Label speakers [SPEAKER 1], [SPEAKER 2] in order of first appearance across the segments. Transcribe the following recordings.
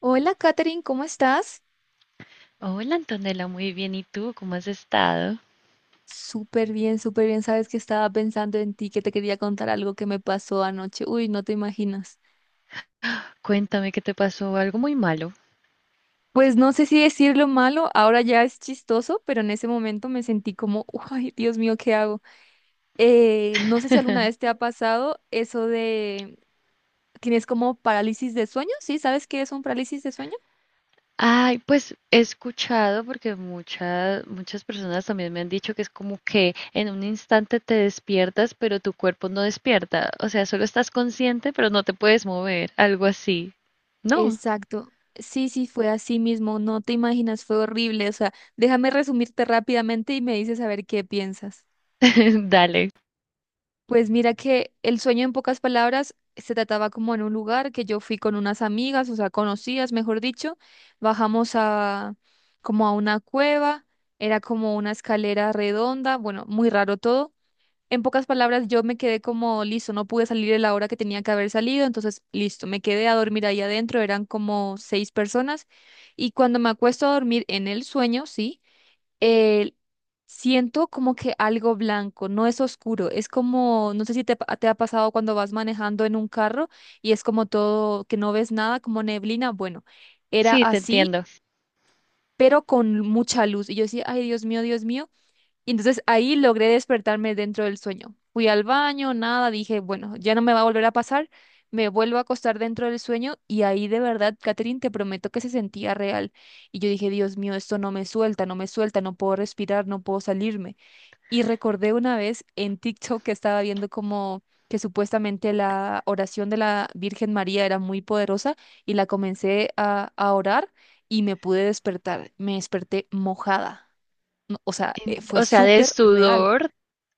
[SPEAKER 1] Hola, Katherine, ¿cómo estás?
[SPEAKER 2] Hola Antonella, muy bien. ¿Y tú cómo has estado?
[SPEAKER 1] Súper bien, súper bien. Sabes que estaba pensando en ti, que te quería contar algo que me pasó anoche. Uy, no te imaginas.
[SPEAKER 2] Cuéntame qué te pasó, algo muy malo.
[SPEAKER 1] Pues no sé si decirlo malo, ahora ya es chistoso, pero en ese momento me sentí como, ay, Dios mío, ¿qué hago? No sé si alguna vez te ha pasado eso de, ¿tienes como parálisis de sueño? ¿Sí? ¿Sabes qué es un parálisis de sueño?
[SPEAKER 2] Ay, pues he escuchado porque muchas muchas personas también me han dicho que es como que en un instante te despiertas, pero tu cuerpo no despierta. O sea, solo estás consciente, pero no te puedes mover, algo así. No,
[SPEAKER 1] Exacto. Sí, sí, fue así mismo. No te imaginas, fue horrible. O sea, déjame resumirte rápidamente y me dices a ver qué piensas.
[SPEAKER 2] dale.
[SPEAKER 1] Pues mira que el sueño en pocas palabras se trataba como en un lugar que yo fui con unas amigas, o sea, conocidas, mejor dicho, bajamos a como a una cueva, era como una escalera redonda, bueno, muy raro todo. En pocas palabras yo me quedé como listo, no pude salir a la hora que tenía que haber salido, entonces listo, me quedé a dormir ahí adentro, eran como seis personas y cuando me acuesto a dormir en el sueño, sí eh, siento como que algo blanco, no es oscuro, es como, no sé si te ha pasado cuando vas manejando en un carro y es como todo, que no ves nada, como neblina, bueno, era
[SPEAKER 2] Sí, te
[SPEAKER 1] así,
[SPEAKER 2] entiendo.
[SPEAKER 1] pero con mucha luz. Y yo decía, ay, Dios mío, Dios mío. Y entonces ahí logré despertarme dentro del sueño. Fui al baño, nada, dije, bueno, ya no me va a volver a pasar. Me vuelvo a acostar dentro del sueño y ahí de verdad, Catherine, te prometo que se sentía real. Y yo dije, Dios mío, esto no me suelta, no me suelta, no puedo respirar, no puedo salirme. Y recordé una vez en TikTok que estaba viendo como que supuestamente la oración de la Virgen María era muy poderosa y la comencé a orar y me pude despertar. Me desperté mojada no, o sea, fue
[SPEAKER 2] O sea, de
[SPEAKER 1] súper real.
[SPEAKER 2] sudor,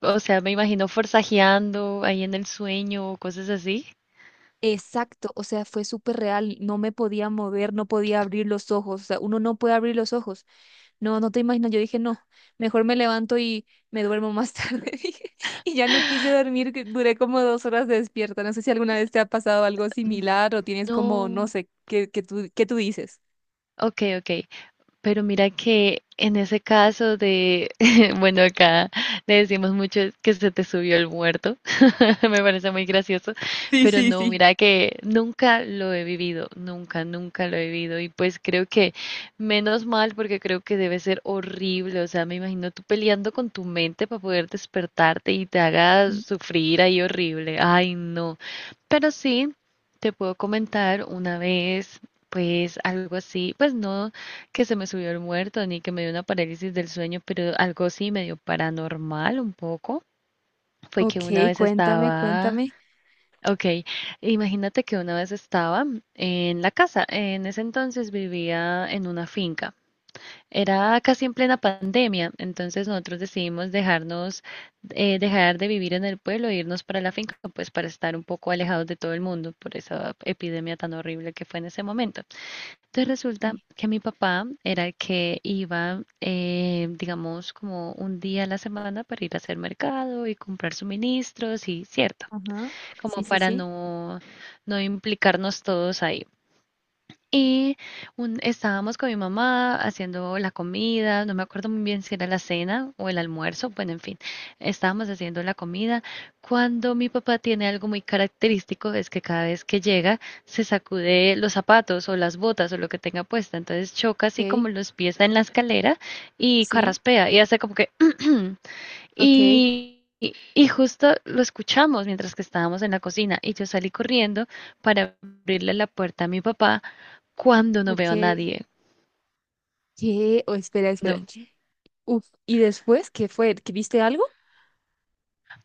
[SPEAKER 2] o sea, me imagino forzajeando ahí en el sueño o cosas así.
[SPEAKER 1] Exacto, o sea, fue súper real. No me podía mover, no podía abrir los ojos. O sea, uno no puede abrir los ojos. No, no te imaginas. Yo dije, no, mejor me levanto y me duermo más tarde. dije. Y ya no quise dormir, que duré como 2 horas despierta. No sé si alguna vez te ha pasado algo
[SPEAKER 2] Mm.
[SPEAKER 1] similar o tienes como, no
[SPEAKER 2] No.
[SPEAKER 1] sé, ¿qué tú dices?
[SPEAKER 2] Ok, ok. Pero mira que en ese caso de, bueno, acá le decimos mucho que se te subió el muerto. Me parece muy gracioso,
[SPEAKER 1] Sí,
[SPEAKER 2] pero
[SPEAKER 1] sí,
[SPEAKER 2] no,
[SPEAKER 1] sí.
[SPEAKER 2] mira que nunca lo he vivido, nunca, nunca lo he vivido, y pues creo que menos mal, porque creo que debe ser horrible. O sea, me imagino tú peleando con tu mente para poder despertarte y te haga
[SPEAKER 1] Mm.
[SPEAKER 2] sufrir ahí horrible. Ay, no, pero sí, te puedo comentar una vez, pues algo así, pues no que se me subió el muerto ni que me dio una parálisis del sueño, pero algo sí medio paranormal, un poco. Fue que una
[SPEAKER 1] Ok,
[SPEAKER 2] vez
[SPEAKER 1] cuéntame,
[SPEAKER 2] estaba,
[SPEAKER 1] cuéntame.
[SPEAKER 2] ok, imagínate que una vez estaba en la casa. En ese entonces vivía en una finca. Era casi en plena pandemia, entonces nosotros decidimos dejar de vivir en el pueblo e irnos para la finca, pues para estar un poco alejados de todo el mundo por esa epidemia tan horrible que fue en ese momento. Entonces resulta
[SPEAKER 1] Y-
[SPEAKER 2] que mi papá era el que iba, digamos, como un día a la semana para ir a hacer mercado y comprar suministros y cierto,
[SPEAKER 1] Ajá,
[SPEAKER 2] como
[SPEAKER 1] sí, sí,
[SPEAKER 2] para
[SPEAKER 1] sí.
[SPEAKER 2] no implicarnos todos ahí. Y estábamos con mi mamá haciendo la comida, no me acuerdo muy bien si era la cena o el almuerzo, bueno, en fin, estábamos haciendo la comida cuando mi papá tiene algo muy característico, es que cada vez que llega se sacude los zapatos o las botas o lo que tenga puesta, entonces choca así como
[SPEAKER 1] Ok,
[SPEAKER 2] los pies en la escalera y
[SPEAKER 1] sí,
[SPEAKER 2] carraspea y hace como que...
[SPEAKER 1] ok,
[SPEAKER 2] y justo lo escuchamos mientras que estábamos en la cocina y yo salí corriendo para abrirle la puerta a mi papá cuando no
[SPEAKER 1] ok.
[SPEAKER 2] veo a nadie.
[SPEAKER 1] ¿Qué? Oh, espera, espera.
[SPEAKER 2] No,
[SPEAKER 1] Uf, ¿y después qué fue? ¿Que viste algo?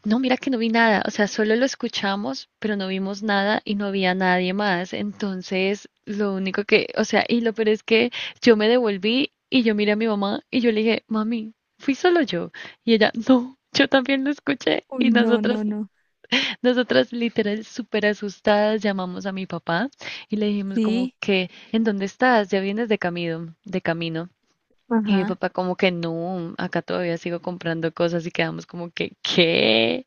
[SPEAKER 2] no, mira que no vi nada. O sea, solo lo escuchamos, pero no vimos nada y no había nadie más. Entonces, lo único que, o sea, y lo peor es que yo me devolví y yo miré a mi mamá y yo le dije, mami, fui solo yo. Y ella, no, yo también lo escuché. Y
[SPEAKER 1] Uy, no, no,
[SPEAKER 2] nosotras,
[SPEAKER 1] no.
[SPEAKER 2] nosotras literal súper asustadas llamamos a mi papá y le dijimos como
[SPEAKER 1] Sí.
[SPEAKER 2] que, ¿en dónde estás? Ya vienes de camino, de camino. Y mi
[SPEAKER 1] Ajá.
[SPEAKER 2] papá como que no, acá todavía sigo comprando cosas, y quedamos como que, ¿qué?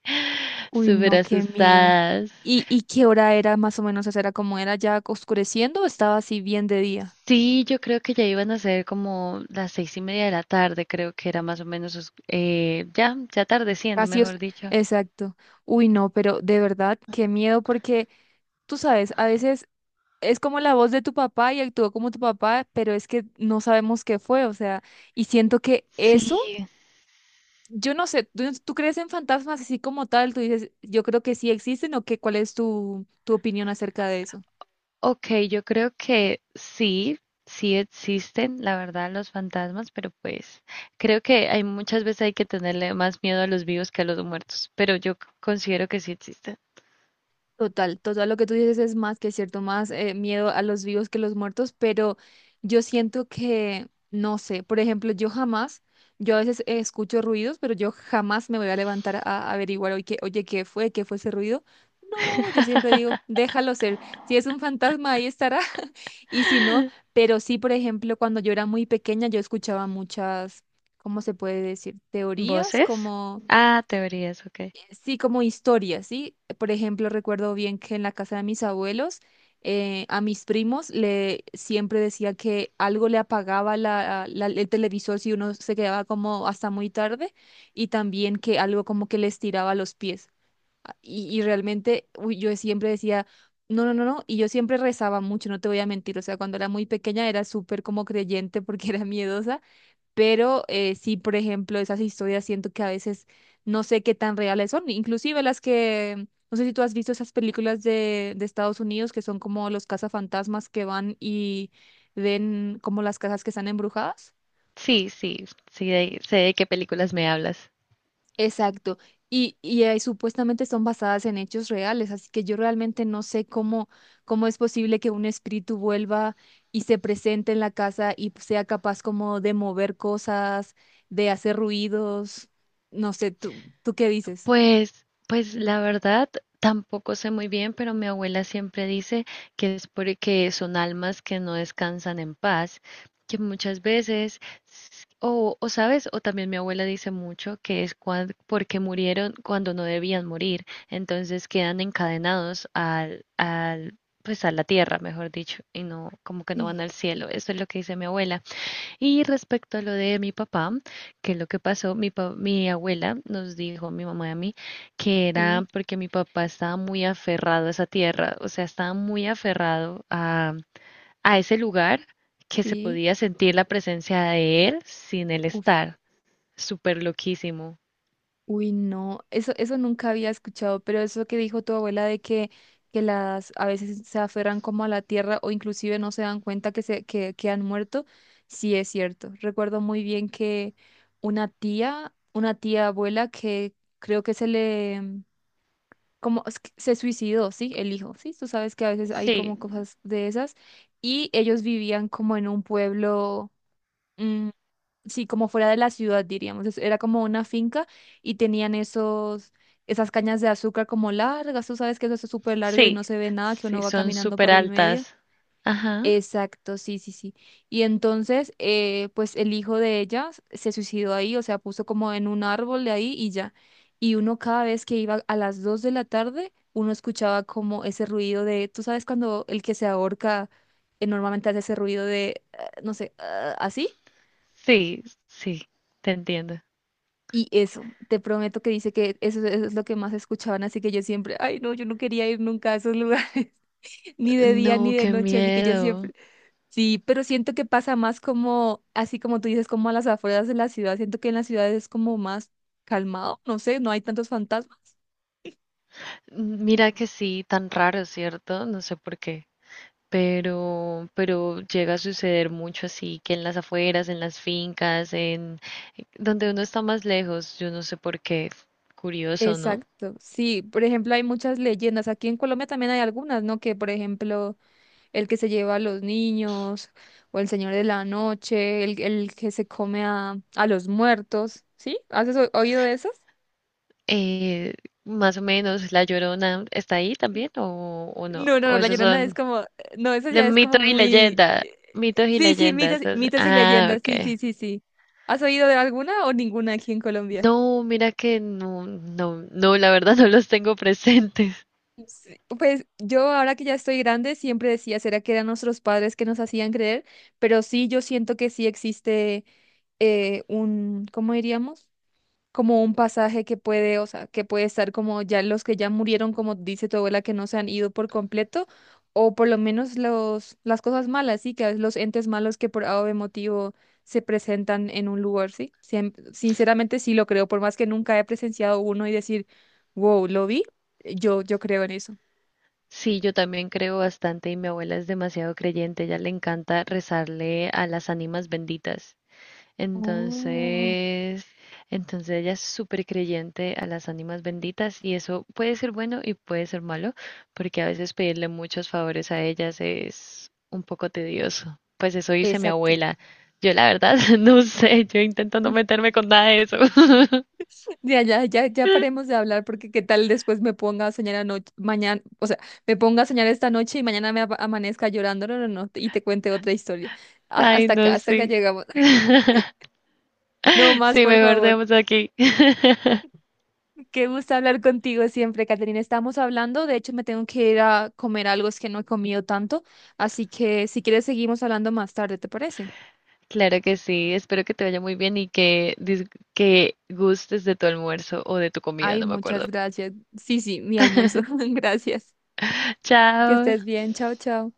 [SPEAKER 1] Uy,
[SPEAKER 2] Súper
[SPEAKER 1] no, qué miedo.
[SPEAKER 2] asustadas.
[SPEAKER 1] ¿Y qué hora era más o menos? O sea, ¿era como era ya oscureciendo o estaba así bien de día?
[SPEAKER 2] Sí, yo creo que ya iban a ser como las seis y media de la tarde, creo que era más o menos, ya, ya atardeciendo,
[SPEAKER 1] Casi os.
[SPEAKER 2] mejor dicho.
[SPEAKER 1] Exacto. Uy, no, pero de verdad, qué miedo porque tú sabes, a veces es como la voz de tu papá y actuó como tu papá, pero es que no sabemos qué fue, o sea, y siento que eso.
[SPEAKER 2] Sí,
[SPEAKER 1] Yo no sé, ¿tú crees en fantasmas así como tal? Tú dices, yo creo que sí existen o qué, ¿cuál es tu opinión acerca de eso?
[SPEAKER 2] ok, yo creo que sí, sí existen, la verdad, los fantasmas, pero pues creo que hay muchas veces hay que tenerle más miedo a los vivos que a los muertos, pero yo considero que sí existen.
[SPEAKER 1] Total, total, lo que tú dices es más que cierto, más miedo a los vivos que los muertos, pero yo siento que, no sé, por ejemplo, yo jamás, yo a veces escucho ruidos, pero yo jamás me voy a levantar a averiguar, oye, ¿qué fue? ¿Qué fue ese ruido? No, yo siempre digo, déjalo ser, si es un fantasma, ahí estará. Y si no, pero sí, por ejemplo, cuando yo era muy pequeña, yo escuchaba muchas, ¿cómo se puede decir? Teorías,
[SPEAKER 2] ¿Voces?
[SPEAKER 1] como,
[SPEAKER 2] Ah, teorías, ok.
[SPEAKER 1] sí, como historias, ¿sí? Por ejemplo, recuerdo bien que en la casa de mis abuelos, a mis primos le siempre decía que algo le apagaba la, el televisor si uno se quedaba como hasta muy tarde, y también que algo como que les tiraba los pies. Y realmente, uy, yo siempre decía, no, no, no, no, y yo siempre rezaba mucho, no te voy a mentir, o sea, cuando era muy pequeña era súper como creyente porque era miedosa, pero sí, por ejemplo, esas historias siento que a veces no sé qué tan reales son, inclusive las que, no sé si tú has visto esas películas de Estados Unidos que son como los cazafantasmas que van y ven como las casas que están embrujadas.
[SPEAKER 2] Sí, sí, sí, sé de qué películas me hablas.
[SPEAKER 1] Exacto. Y supuestamente son basadas en hechos reales, así que yo realmente no sé cómo es posible que un espíritu vuelva y se presente en la casa y sea capaz como de mover cosas, de hacer ruidos. No sé, ¿tú qué dices?
[SPEAKER 2] Pues la verdad, tampoco sé muy bien, pero mi abuela siempre dice que es porque son almas que no descansan en paz, que muchas veces, o sabes, o también mi abuela dice mucho que es porque murieron cuando no debían morir, entonces quedan encadenados pues a la tierra, mejor dicho, y no, como que no van
[SPEAKER 1] Sí,
[SPEAKER 2] al cielo. Eso es lo que dice mi abuela. Y respecto a lo de mi papá, que lo que pasó, mi abuela nos dijo, mi mamá y a mí, que era
[SPEAKER 1] sí,
[SPEAKER 2] porque mi papá estaba muy aferrado a esa tierra. O sea, estaba muy aferrado a ese lugar, que se
[SPEAKER 1] sí.
[SPEAKER 2] podía sentir la presencia de él sin él
[SPEAKER 1] Uf.
[SPEAKER 2] estar. Súper loquísimo.
[SPEAKER 1] Uy, no, eso nunca había escuchado, pero eso que dijo tu abuela de que, las a veces se aferran como a la tierra o inclusive no se dan cuenta que, se, que han muerto, sí es cierto. Recuerdo muy bien que una tía abuela que creo que como es que se suicidó, ¿sí? El hijo, ¿sí? Tú sabes que a veces hay
[SPEAKER 2] Sí,
[SPEAKER 1] como cosas de esas y ellos vivían como en un pueblo. Mm, sí, como fuera de la ciudad, diríamos. Era como una finca y tenían esas cañas de azúcar como largas. Tú sabes que eso es súper largo y
[SPEAKER 2] sí,
[SPEAKER 1] no se ve nada, que uno
[SPEAKER 2] sí,
[SPEAKER 1] va
[SPEAKER 2] son
[SPEAKER 1] caminando
[SPEAKER 2] súper
[SPEAKER 1] por el medio.
[SPEAKER 2] altas. Ajá,
[SPEAKER 1] Exacto, sí, sí, sí. Y entonces, pues el hijo de ella se suicidó ahí, o sea, puso como en un árbol de ahí y ya. Y uno cada vez que iba a las 2 de la tarde, uno escuchaba como ese ruido de, tú sabes, cuando el que se ahorca normalmente hace ese ruido de, no sé, ah, así.
[SPEAKER 2] sí, sí, te entiendo.
[SPEAKER 1] Y eso, te prometo que dice que eso es lo que más escuchaban, así que yo siempre, ay no, yo no quería ir nunca a esos lugares, ni de día ni
[SPEAKER 2] No,
[SPEAKER 1] de
[SPEAKER 2] qué
[SPEAKER 1] noche, así que yo
[SPEAKER 2] miedo.
[SPEAKER 1] siempre, sí, pero siento que pasa más como, así como tú dices, como a las afueras de la ciudad, siento que en la ciudad es como más calmado, no sé, no hay tantos fantasmas.
[SPEAKER 2] Mira que sí, tan raro, ¿cierto? No sé por qué, pero, llega a suceder mucho así, que en las afueras, en las fincas, en donde uno está más lejos, yo no sé por qué, curioso, ¿no?
[SPEAKER 1] Exacto, sí, por ejemplo, hay muchas leyendas, aquí en Colombia también hay algunas, ¿no? Que por ejemplo, el que se lleva a los niños, o el señor de la noche, el que se come a los muertos, ¿sí? ¿Has oído de esas?
[SPEAKER 2] Eh, más o menos, ¿La Llorona está ahí también o no?
[SPEAKER 1] No, no, no,
[SPEAKER 2] ¿O
[SPEAKER 1] la
[SPEAKER 2] esos
[SPEAKER 1] Llorona es
[SPEAKER 2] son
[SPEAKER 1] como, no, esa ya es como
[SPEAKER 2] mitos y
[SPEAKER 1] muy,
[SPEAKER 2] leyenda? Mitos y
[SPEAKER 1] sí, sí, mitos,
[SPEAKER 2] leyendas.
[SPEAKER 1] mitos y
[SPEAKER 2] Ah,
[SPEAKER 1] leyendas, sí, sí,
[SPEAKER 2] ok.
[SPEAKER 1] sí, sí. ¿Has oído de alguna o ninguna aquí en Colombia?
[SPEAKER 2] No, mira que no, no, no, la verdad no los tengo presentes.
[SPEAKER 1] Sí, pues yo ahora que ya estoy grande siempre decía, ¿será que eran nuestros padres que nos hacían creer? Pero sí, yo siento que sí existe un, ¿cómo diríamos? Como un pasaje que puede, o sea, que puede estar como ya los que ya murieron, como dice tu abuela, que no se han ido por completo, o por lo menos las cosas malas, sí, que los entes malos que por algún motivo se presentan en un lugar, sí. Sinceramente sí lo creo, por más que nunca he presenciado uno y decir, wow, lo vi, yo creo en eso.
[SPEAKER 2] Sí, yo también creo bastante y mi abuela es demasiado creyente, ella le encanta rezarle a las ánimas benditas.
[SPEAKER 1] Oh.
[SPEAKER 2] Entonces, ella es súper creyente a las ánimas benditas y eso puede ser bueno y puede ser malo, porque a veces pedirle muchos favores a ellas es un poco tedioso. Pues eso dice mi
[SPEAKER 1] Exacto.
[SPEAKER 2] abuela. Yo la verdad no sé, yo intento no meterme con nada de eso.
[SPEAKER 1] Ya, ya, ya, ya paremos de hablar porque qué tal después me ponga a soñar anoche, mañana, o sea, me ponga a soñar esta noche y mañana me amanezca llorando, no, no, no, y te cuente otra historia. Ah,
[SPEAKER 2] Ay, no
[SPEAKER 1] hasta acá
[SPEAKER 2] sé.
[SPEAKER 1] llegamos. No más,
[SPEAKER 2] Sí,
[SPEAKER 1] por
[SPEAKER 2] mejor
[SPEAKER 1] favor.
[SPEAKER 2] dejemos aquí.
[SPEAKER 1] Qué gusto hablar contigo siempre, Caterina. Estamos hablando, de hecho me tengo que ir a comer algo, es que no he comido tanto, así que si quieres seguimos hablando más tarde, ¿te parece?
[SPEAKER 2] Claro que sí, espero que te vaya muy bien y que, que gustes de tu almuerzo o de tu comida,
[SPEAKER 1] Ay,
[SPEAKER 2] no me
[SPEAKER 1] muchas
[SPEAKER 2] acuerdo.
[SPEAKER 1] gracias. Sí, sí, mi almuerzo. Gracias. Que
[SPEAKER 2] Chao.
[SPEAKER 1] estés bien. Chao, chao.